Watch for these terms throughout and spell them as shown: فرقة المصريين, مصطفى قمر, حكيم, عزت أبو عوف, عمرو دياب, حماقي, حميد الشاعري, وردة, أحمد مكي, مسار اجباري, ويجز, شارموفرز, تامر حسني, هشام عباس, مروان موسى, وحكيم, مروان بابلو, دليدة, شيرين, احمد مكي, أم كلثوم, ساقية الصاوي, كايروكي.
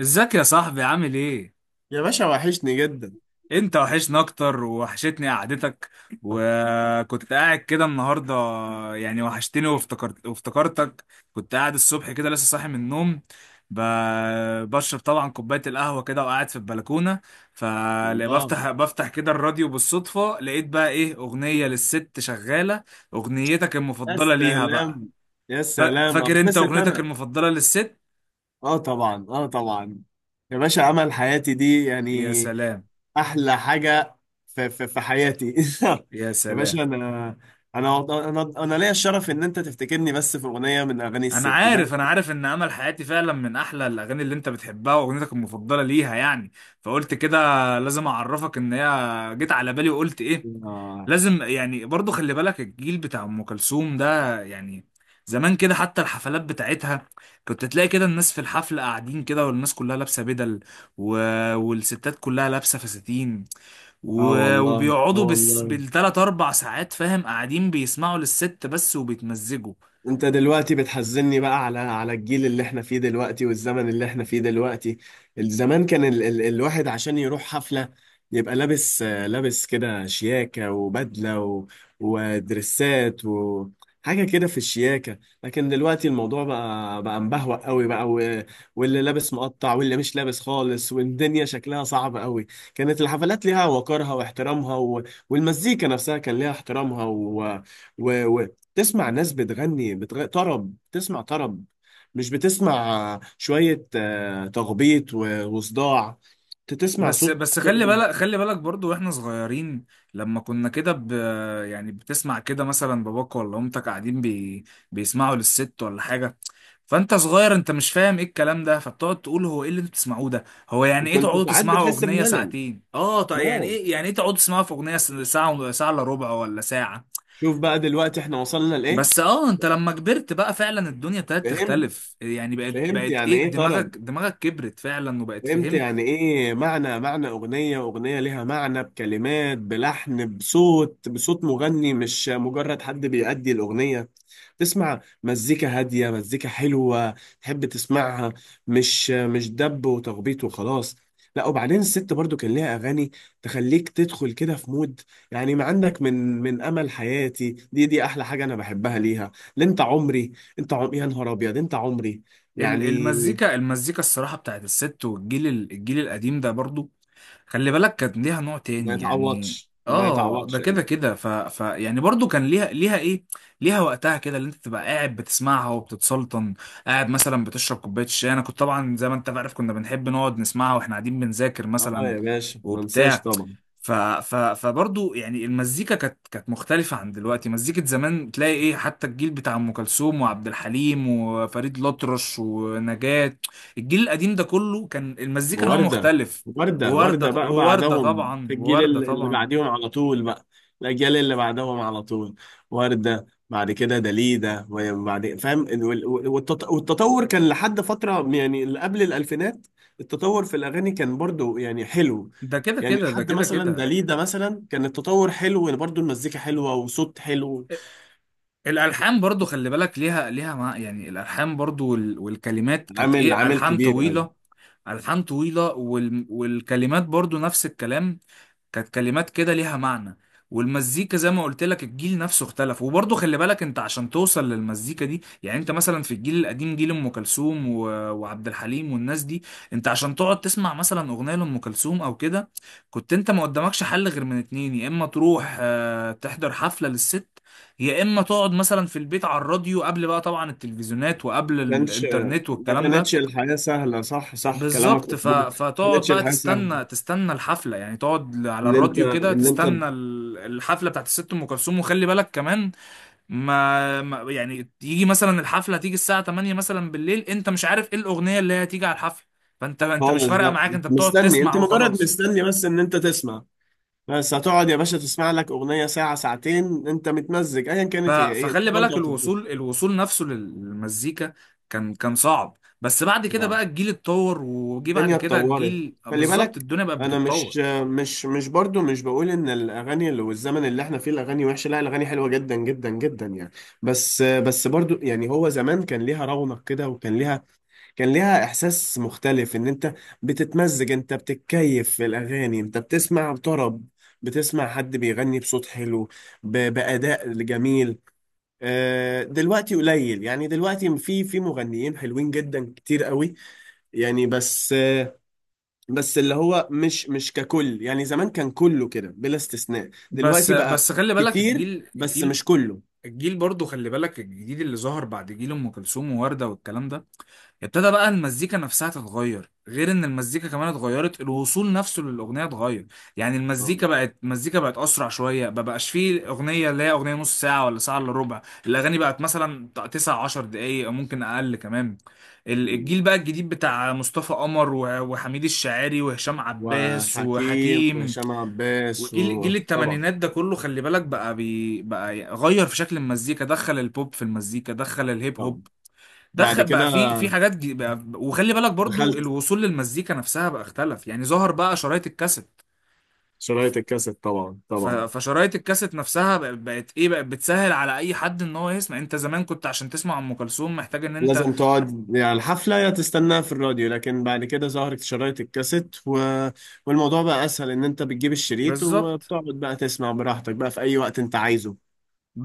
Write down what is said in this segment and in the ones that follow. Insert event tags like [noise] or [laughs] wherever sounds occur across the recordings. ازيك يا صاحبي عامل ايه؟ يا باشا، وحشني جدا. انت وحشنا اكتر ووحشتني قعدتك، وكنت قاعد كده النهارده، يعني وحشتني وافتكرت وافتكرتك. كنت قاعد الصبح كده لسه صاحي من النوم، ب... بشرب طبعا كوباية القهوة كده وقاعد في البلكونة. الله. فبفتح كده الراديو بالصدفة، لقيت بقى ايه اغنية للست شغالة، اغنيتك يا المفضلة ليها بقى. سلام. يا سلام، فاكر انت اتبسط اغنيتك انا. المفضلة للست؟ اه طبعا، اه طبعا. يا باشا، عمل حياتي دي يعني. يا سلام. احلى حاجه في حياتي. يا [laughs] يا سلام، باشا، انا انا ليا الشرف ان انت تفتكرني بس في اغنيه من اغاني انا الست ده. عارف انا عارف ان امل حياتي فعلا من احلى الاغاني اللي انت بتحبها واغنيتك المفضله ليها يعني. فقلت كده لازم اعرفك ان هي جيت على بالي وقلت ايه، اه. لازم يعني برضو خلي بالك الجيل بتاع ام كلثوم ده يعني زمان كده، حتى الحفلات بتاعتها كنت تلاقي كده الناس في الحفله قاعدين كده، والناس كلها لابسه بدل، و... والستات كلها لابسه فساتين، آه والله، اه وبيقعدوا والله. بالتلات اربع ساعات فاهم، قاعدين بيسمعوا للست بس وبيتمزجوا. انت دلوقتي بتحزني بقى على الجيل اللي احنا فيه دلوقتي والزمن اللي احنا فيه دلوقتي. زمان كان ال ال الواحد عشان يروح حفلة، يبقى لابس، لابس كده شياكة وبدلة ودرسات وحاجة كده في الشياكة. لكن دلوقتي الموضوع بقى مبهوأ قوي بقى. واللي لابس مقطع واللي مش لابس خالص، والدنيا شكلها صعب قوي. كانت الحفلات ليها وقارها واحترامها، والمزيكا نفسها كان ليها احترامها و تسمع ناس بتغني طرب، تسمع طرب. مش بتسمع شوية تخبيط وصداع. تسمع بس صوت. بس خلي بالك، خلي بالك برضو واحنا صغيرين، لما كنا كده يعني بتسمع كده مثلا باباك ولا امتك قاعدين بيسمعوا للست ولا حاجه، فانت صغير انت مش فاهم ايه الكلام ده، فبتقعد تقول هو ايه اللي انتوا بتسمعوه ده، هو يعني ايه كنت تقعدوا ساعات تسمعوا بتحس اغنيه بملل، ساعتين، اه طيب يعني ملل. ايه، يعني ايه تقعدوا تسمعوا في اغنيه ساعه ساعه الا ربع ولا ساعه. شوف بقى دلوقتي احنا وصلنا لإيه. بس اه انت لما كبرت بقى فعلا الدنيا ابتدت فهمت. تختلف، يعني بقت فهمت بقت يعني ايه، ايه طرب. دماغك كبرت فعلا وبقت فهمت فهمت. يعني ايه معنى، معنى اغنية، اغنية ليها معنى بكلمات بلحن بصوت، بصوت مغني مش مجرد حد بيأدي الاغنية. تسمع مزيكا هادية، مزيكا حلوة، تحب تسمعها. مش دب وتخبيط وخلاص. لا، وبعدين الست برضو كان ليها اغاني تخليك تدخل كده في مود. يعني ما عندك من امل حياتي، دي احلى حاجة انا بحبها ليها. لا، انت عمري. يا نهار ابيض، انت عمري يعني. المزيكا، المزيكا الصراحة بتاعت الست والجيل، الجيل القديم ده برضو خلي بالك كانت ليها نوع ما تاني يعني. يتعوضش، ما اه ده يتعوضش كده يعني. كده، ف... ف يعني برضو كان ليها ليها ايه، ليها وقتها كده اللي انت تبقى قاعد بتسمعها وبتتسلطن، قاعد مثلا بتشرب كوباية شاي. انا كنت طبعا زي ما انت عارف كنا بنحب نقعد نسمعها واحنا قاعدين بنذاكر اه مثلا يا باشا، ما انساش وبتاع. طبعا. ف ف فبرضه يعني المزيكا كانت كانت مختلفة عن دلوقتي، مزيكة زمان تلاقي ايه حتى الجيل بتاع ام كلثوم وعبد الحليم وفريد الأطرش ونجاة، الجيل القديم ده كله كان المزيكا نوع وردة. مختلف. وردة، وردة ووردة، بقى ووردة بعدهم في طبعا ووردة اللي طبعا بعديهم على طول بقى. الأجيال اللي بعدهم على طول. وردة بعد كده دليدة وبعد فاهم والتطور كان لحد فترة يعني اللي قبل الألفينات. التطور في الأغاني كان برضو يعني حلو. ده كده يعني كده، ده لحد كده مثلا كده. دليدة مثلا كان التطور حلو برضو، المزيكا حلوة وصوت حلو. الالحان برضو خلي بالك ليها ليها مع يعني، الالحان برضو والكلمات كانت عامل ايه، عامل الحان كبير قوي. طويله، الحان طويله والكلمات برضو نفس الكلام، كانت كلمات كده ليها معنى. والمزيكا زي ما قلت لك الجيل نفسه اختلف، وبرضه خلي بالك انت عشان توصل للمزيكا دي يعني، انت مثلا في الجيل القديم جيل ام كلثوم وعبد الحليم والناس دي، انت عشان تقعد تسمع مثلا اغنيه لام كلثوم او كده، كنت انت ما قدامكش حل غير من اتنين، يا اما تروح آه، تحضر حفله للست، يا اما تقعد مثلا في البيت على الراديو، قبل بقى طبعا التلفزيونات وقبل كانش، الانترنت ما والكلام ده. كانتش الحياة سهلة. صح، صح كلامك بالظبط، مظبوط. ما فتقعد كانتش بقى الحياة سهلة تستنى، تستنى الحفله يعني، تقعد على ان انت الراديو كده ان انت تستنى الحفله بتاعت الست ام كلثوم، وخلي بالك كمان ما يعني يجي مثلا الحفله، تيجي الساعه 8 مثلا بالليل انت مش عارف ايه الاغنيه اللي هي هتيجي على الحفله، فانت مش خالص فارقه لا. معاك، انت بتقعد مستني، تسمع انت مجرد وخلاص. مستني بس ان انت تسمع. بس هتقعد يا باشا تسمع لك اغنية ساعة ساعتين، انت متمزج، ايا كانت هي ايه انت فخلي بالك برضه هتتبسط. الوصول، الوصول نفسه للمزيكا كان كان صعب، بس بعد كده آه. بقى الجيل اتطور، وجي بعد الدنيا كده اتطورت. الجيل خلي بالظبط بالك الدنيا بقت انا بتتطور. مش، برضه مش بقول ان الاغاني اللي والزمن اللي احنا فيه الاغاني وحشة. لا، الاغاني حلوة جدا جدا جدا يعني. بس برضه يعني هو زمان كان ليها رونق كده وكان ليها، كان ليها احساس مختلف ان انت بتتمزج، انت بتتكيف في الاغاني، انت بتسمع طرب، بتسمع حد بيغني بصوت حلو، بأداء جميل. دلوقتي قليل، يعني دلوقتي في مغنيين حلوين جدا كتير قوي يعني، بس اللي هو مش ككل يعني. زمان كان كله كده بلا استثناء. بس دلوقتي بقى بس خلي بالك كتير الجيل، بس الجيل مش كله. الجيل برضه خلي بالك الجديد اللي ظهر بعد جيل ام كلثوم ووردة والكلام ده، ابتدى بقى المزيكا نفسها تتغير، غير ان المزيكا كمان اتغيرت الوصول نفسه للاغنيه اتغير، يعني آه. المزيكا بقت، المزيكا بقت اسرع شويه، ما بقاش فيه اغنيه اللي هي اغنيه نص ساعه ولا ساعه الا ربع، الاغاني بقت مثلا 9 10 دقائق او ممكن اقل كمان. مم. الجيل بقى الجديد بتاع مصطفى قمر وحميد الشاعري وهشام عباس وحكيم وحكيم، وهشام عباس، وجيل جيل وطبعا الثمانينات ده كله خلي بالك بقى بقى غير في شكل المزيكا، دخل البوب في المزيكا، دخل الهيب هوب، طبعا. بعد دخل كده بقى في في حاجات بقى. وخلي بالك برضو دخلت الوصول للمزيكا نفسها بقى اختلف، يعني ظهر بقى شرايط الكاسيت. شرايط الكاسيت، طبعا طبعا. فشرايط الكاسيت نفسها بقت ايه، بقت بتسهل على اي حد ان هو يسمع، انت زمان كنت عشان تسمع ام كلثوم محتاج ان انت. لازم تقعد يعني الحفلة يا تستناها في الراديو، لكن بعد كده ظهرت شرايط الكاسيت والموضوع بقى أسهل، إن أنت بتجيب الشريط بالظبط، وبتقعد بقى تسمع براحتك بقى في أي وقت أنت عايزه.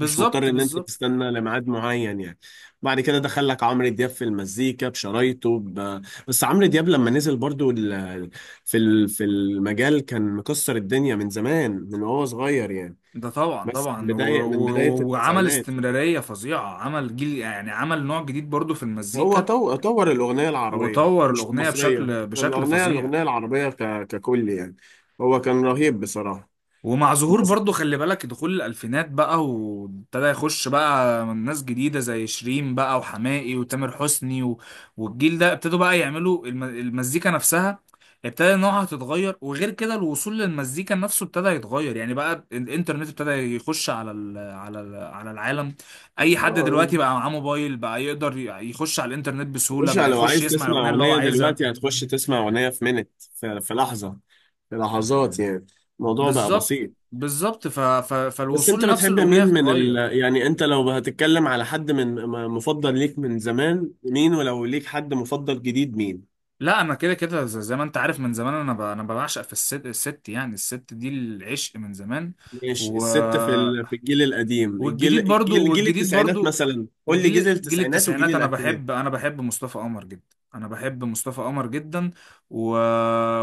مش مضطر إن أنت بالظبط. تستنى لميعاد معين يعني. بعد كده دخل لك عمرو دياب في المزيكا بشرايطه بس عمرو دياب لما نزل برضو في في المجال كان مكسر الدنيا من زمان، من وهو صغير يعني. ده طبعا بس من طبعا، بداية من بداية وعمل التسعينات استمرارية فظيعة، عمل جيل يعني، عمل نوع جديد برضو في هو المزيكا، طور الأغنية العربية، وطور مش الأغنية المصرية، بشكل، بشكل الأغنية، فظيع. الأغنية العربية ككل يعني. هو كان رهيب بصراحة. ومع ظهور بس برضو خلي بالك دخول الألفينات بقى، وابتدى يخش بقى ناس جديدة زي شيرين بقى وحماقي وتامر حسني والجيل ده ابتدوا بقى يعملوا المزيكا نفسها، ابتدى نوعها تتغير، وغير كده الوصول للمزيكا نفسه ابتدى يتغير، يعني بقى الانترنت ابتدى يخش على ال... على ال... على العالم، اي حد آه، دلوقتي بقى معاه موبايل بقى يقدر يخش على الانترنت بسهولة، مش، بقى لو يخش عايز يسمع تسمع الأغنية اللي هو أغنية عايزها. دلوقتي هتخش تسمع أغنية في منت في لحظة، في لحظات يعني. الموضوع بقى بالظبط، بسيط. بالظبط، بس أنت فالوصول نفسه بتحب الأغنية مين من اتغير. يعني أنت لو هتتكلم على حد من مفضل ليك من زمان مين، ولو ليك حد مفضل جديد مين. لا انا كده كده، زي ما انت عارف من زمان انا انا بعشق في الست، الست يعني، الست دي العشق من زمان. ماشي، و الست في في الجيل القديم، الجيل والجديد برضو الجيل جيل والجديد التسعينات برضو مثلا، قول لي جيل وجيل جيل التسعينات وجيل التسعينات، انا الألفينات. بحب انا بحب مصطفى قمر جدا، انا بحب مصطفى قمر جدا. و...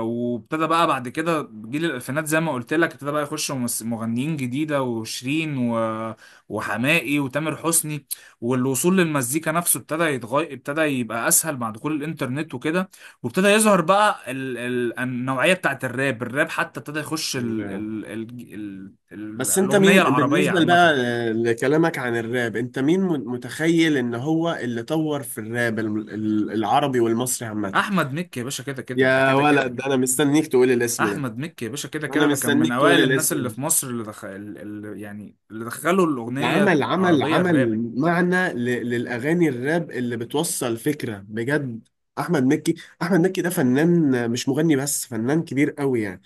وابتدى بقى بعد كده جيل الالفينات زي ما قلت لك، ابتدى بقى يخش مغنيين جديده، وشيرين وحماقي وتامر حسني، والوصول للمزيكا نفسه ابتدى يتغير، ابتدى يبقى اسهل مع دخول الانترنت وكده، وابتدى يظهر بقى النوعيه بتاعت الراب، الراب حتى ابتدى يخش تمام. بس انت الاغنيه مين العربيه بالنسبة عامه. بقى لكلامك عن الراب؟ انت مين متخيل ان هو اللي طور في الراب العربي والمصري عامة؟ احمد مكي يا باشا، كده كده ده، يا كده كده. ولد، انا مستنيك تقول الاسم ده. احمد مكي يا باشا كده انا كده ده، كان من مستنيك تقول اوائل الناس الاسم اللي ده. في مصر اللي دخل، اللي يعني اللي دخلوا ده الاغنيه عمل عمل العربيه الراب. عمل معنى للأغاني، الراب اللي بتوصل فكرة بجد. أحمد مكي. أحمد مكي ده فنان، مش مغني بس، فنان كبير قوي يعني.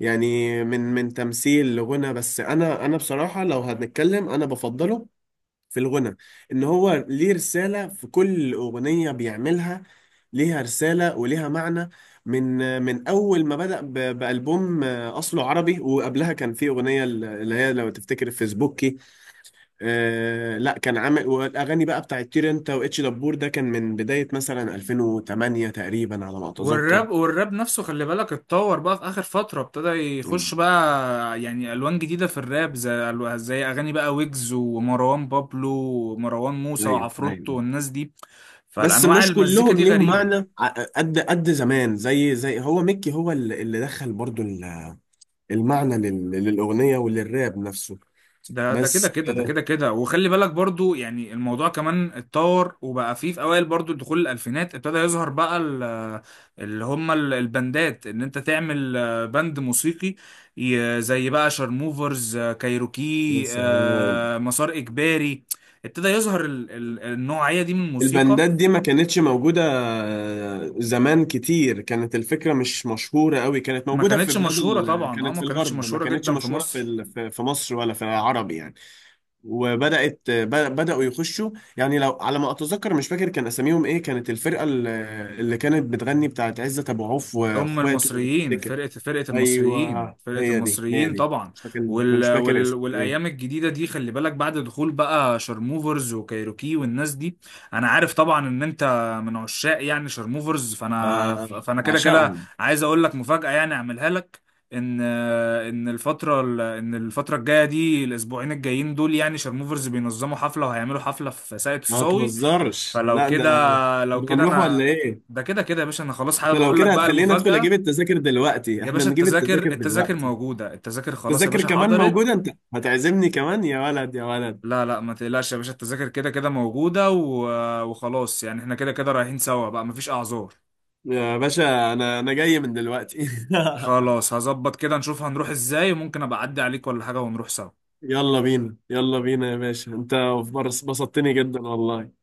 يعني من تمثيل لغنى، بس أنا، أنا بصراحة لو هنتكلم أنا بفضله في الغنى، إن هو ليه رسالة في كل أغنية بيعملها، ليها رسالة وليها معنى من أول ما بدأ بألبوم أصله عربي. وقبلها كان في أغنية اللي هي لو تفتكر فيسبوكي. آه لا، كان عامل والاغاني بقى بتاعت طير انت واتش دبور، ده كان من بدايه مثلا 2008 تقريبا على ما اتذكر. والراب نفسه خلي بالك اتطور بقى في اخر فتره، ابتدى يخش بقى يعني الوان جديده في الراب، زي زي اغاني بقى ويجز ومروان بابلو ومروان موسى ايوه وعفروتو ايوه. والناس دي، بس فالانواع مش المزيكا كلهم دي ليهم غريبه. معنى قد زمان، زي هو ميكي، هو اللي دخل برضو المعنى للاغنيه وللراب نفسه. ده ده كده بس كده، ده يا كده كده. وخلي بالك برضو يعني الموضوع كمان اتطور، وبقى فيه في اوائل برضو دخول الالفينات ابتدى يظهر بقى اللي هم البندات، ان انت تعمل آه، بند موسيقي، زي بقى شارموفرز آه، يا كايروكي سلام. آه، مسار اجباري، ابتدى يظهر النوعية دي من الموسيقى. البندات دي ما كانتش موجودة. زمان كتير كانت الفكرة مش مشهورة قوي، كانت ما موجودة في كانتش بلاد مشهورة طبعا، اه كانت ما في كانتش الغرب، ما مشهورة كانتش جدا في مشهورة في مصر. في في مصر ولا في العرب يعني. وبدأت بدأوا يخشوا، يعني لو على ما أتذكر مش فاكر كان أساميهم إيه، كانت الفرقة اللي كانت بتغني بتاعت عزت أبو عوف هم وإخواته لو المصريين، تفتكر. فرقة المصريين، أيوه، فرقة هي دي هي المصريين دي. طبعا. مش فاكر، كنتش فاكر اسم والأيام إيه. الجديدة دي خلي بالك بعد دخول بقى شارموفرز وكايروكي والناس دي، أنا عارف طبعا إن أنت من عشاق يعني شارموفرز، فأنا فأنا كده كده بعشقهم. عايز أقول لك مفاجأة يعني أعملها لك. إن إن الفترة الجاية دي الأسبوعين الجايين دول، يعني شارموفرز بينظموا حفلة، وهيعملوا حفلة في ساقية ما الصاوي، تهزرش، فلو لا ده كده، لو كنا كده هنروح ولا أنا. إيه؟ ده كده كده يا باشا، انا خلاص ده حابب لو اقول لك كده بقى هتخلينا ادخل اجيب المفاجأة. التذاكر دلوقتي. يا احنا باشا نجيب التذاكر، التذاكر التذاكر دلوقتي. موجودة، التذاكر خلاص يا التذاكر باشا كمان حضرت. موجودة، انت هتعزمني كمان يا ولد يا ولد. لا لا ما تقلقش يا باشا، التذاكر كده كده موجودة وخلاص، يعني احنا كده كده رايحين سوا بقى مفيش اعذار. يا باشا، انا جاي من دلوقتي. [laughs] خلاص هظبط كده نشوف هنروح ازاي، وممكن ابقى اعدي عليك ولا حاجة ونروح سوا. يلا بينا، يلا بينا يا باشا. انت بسطتني جدا والله.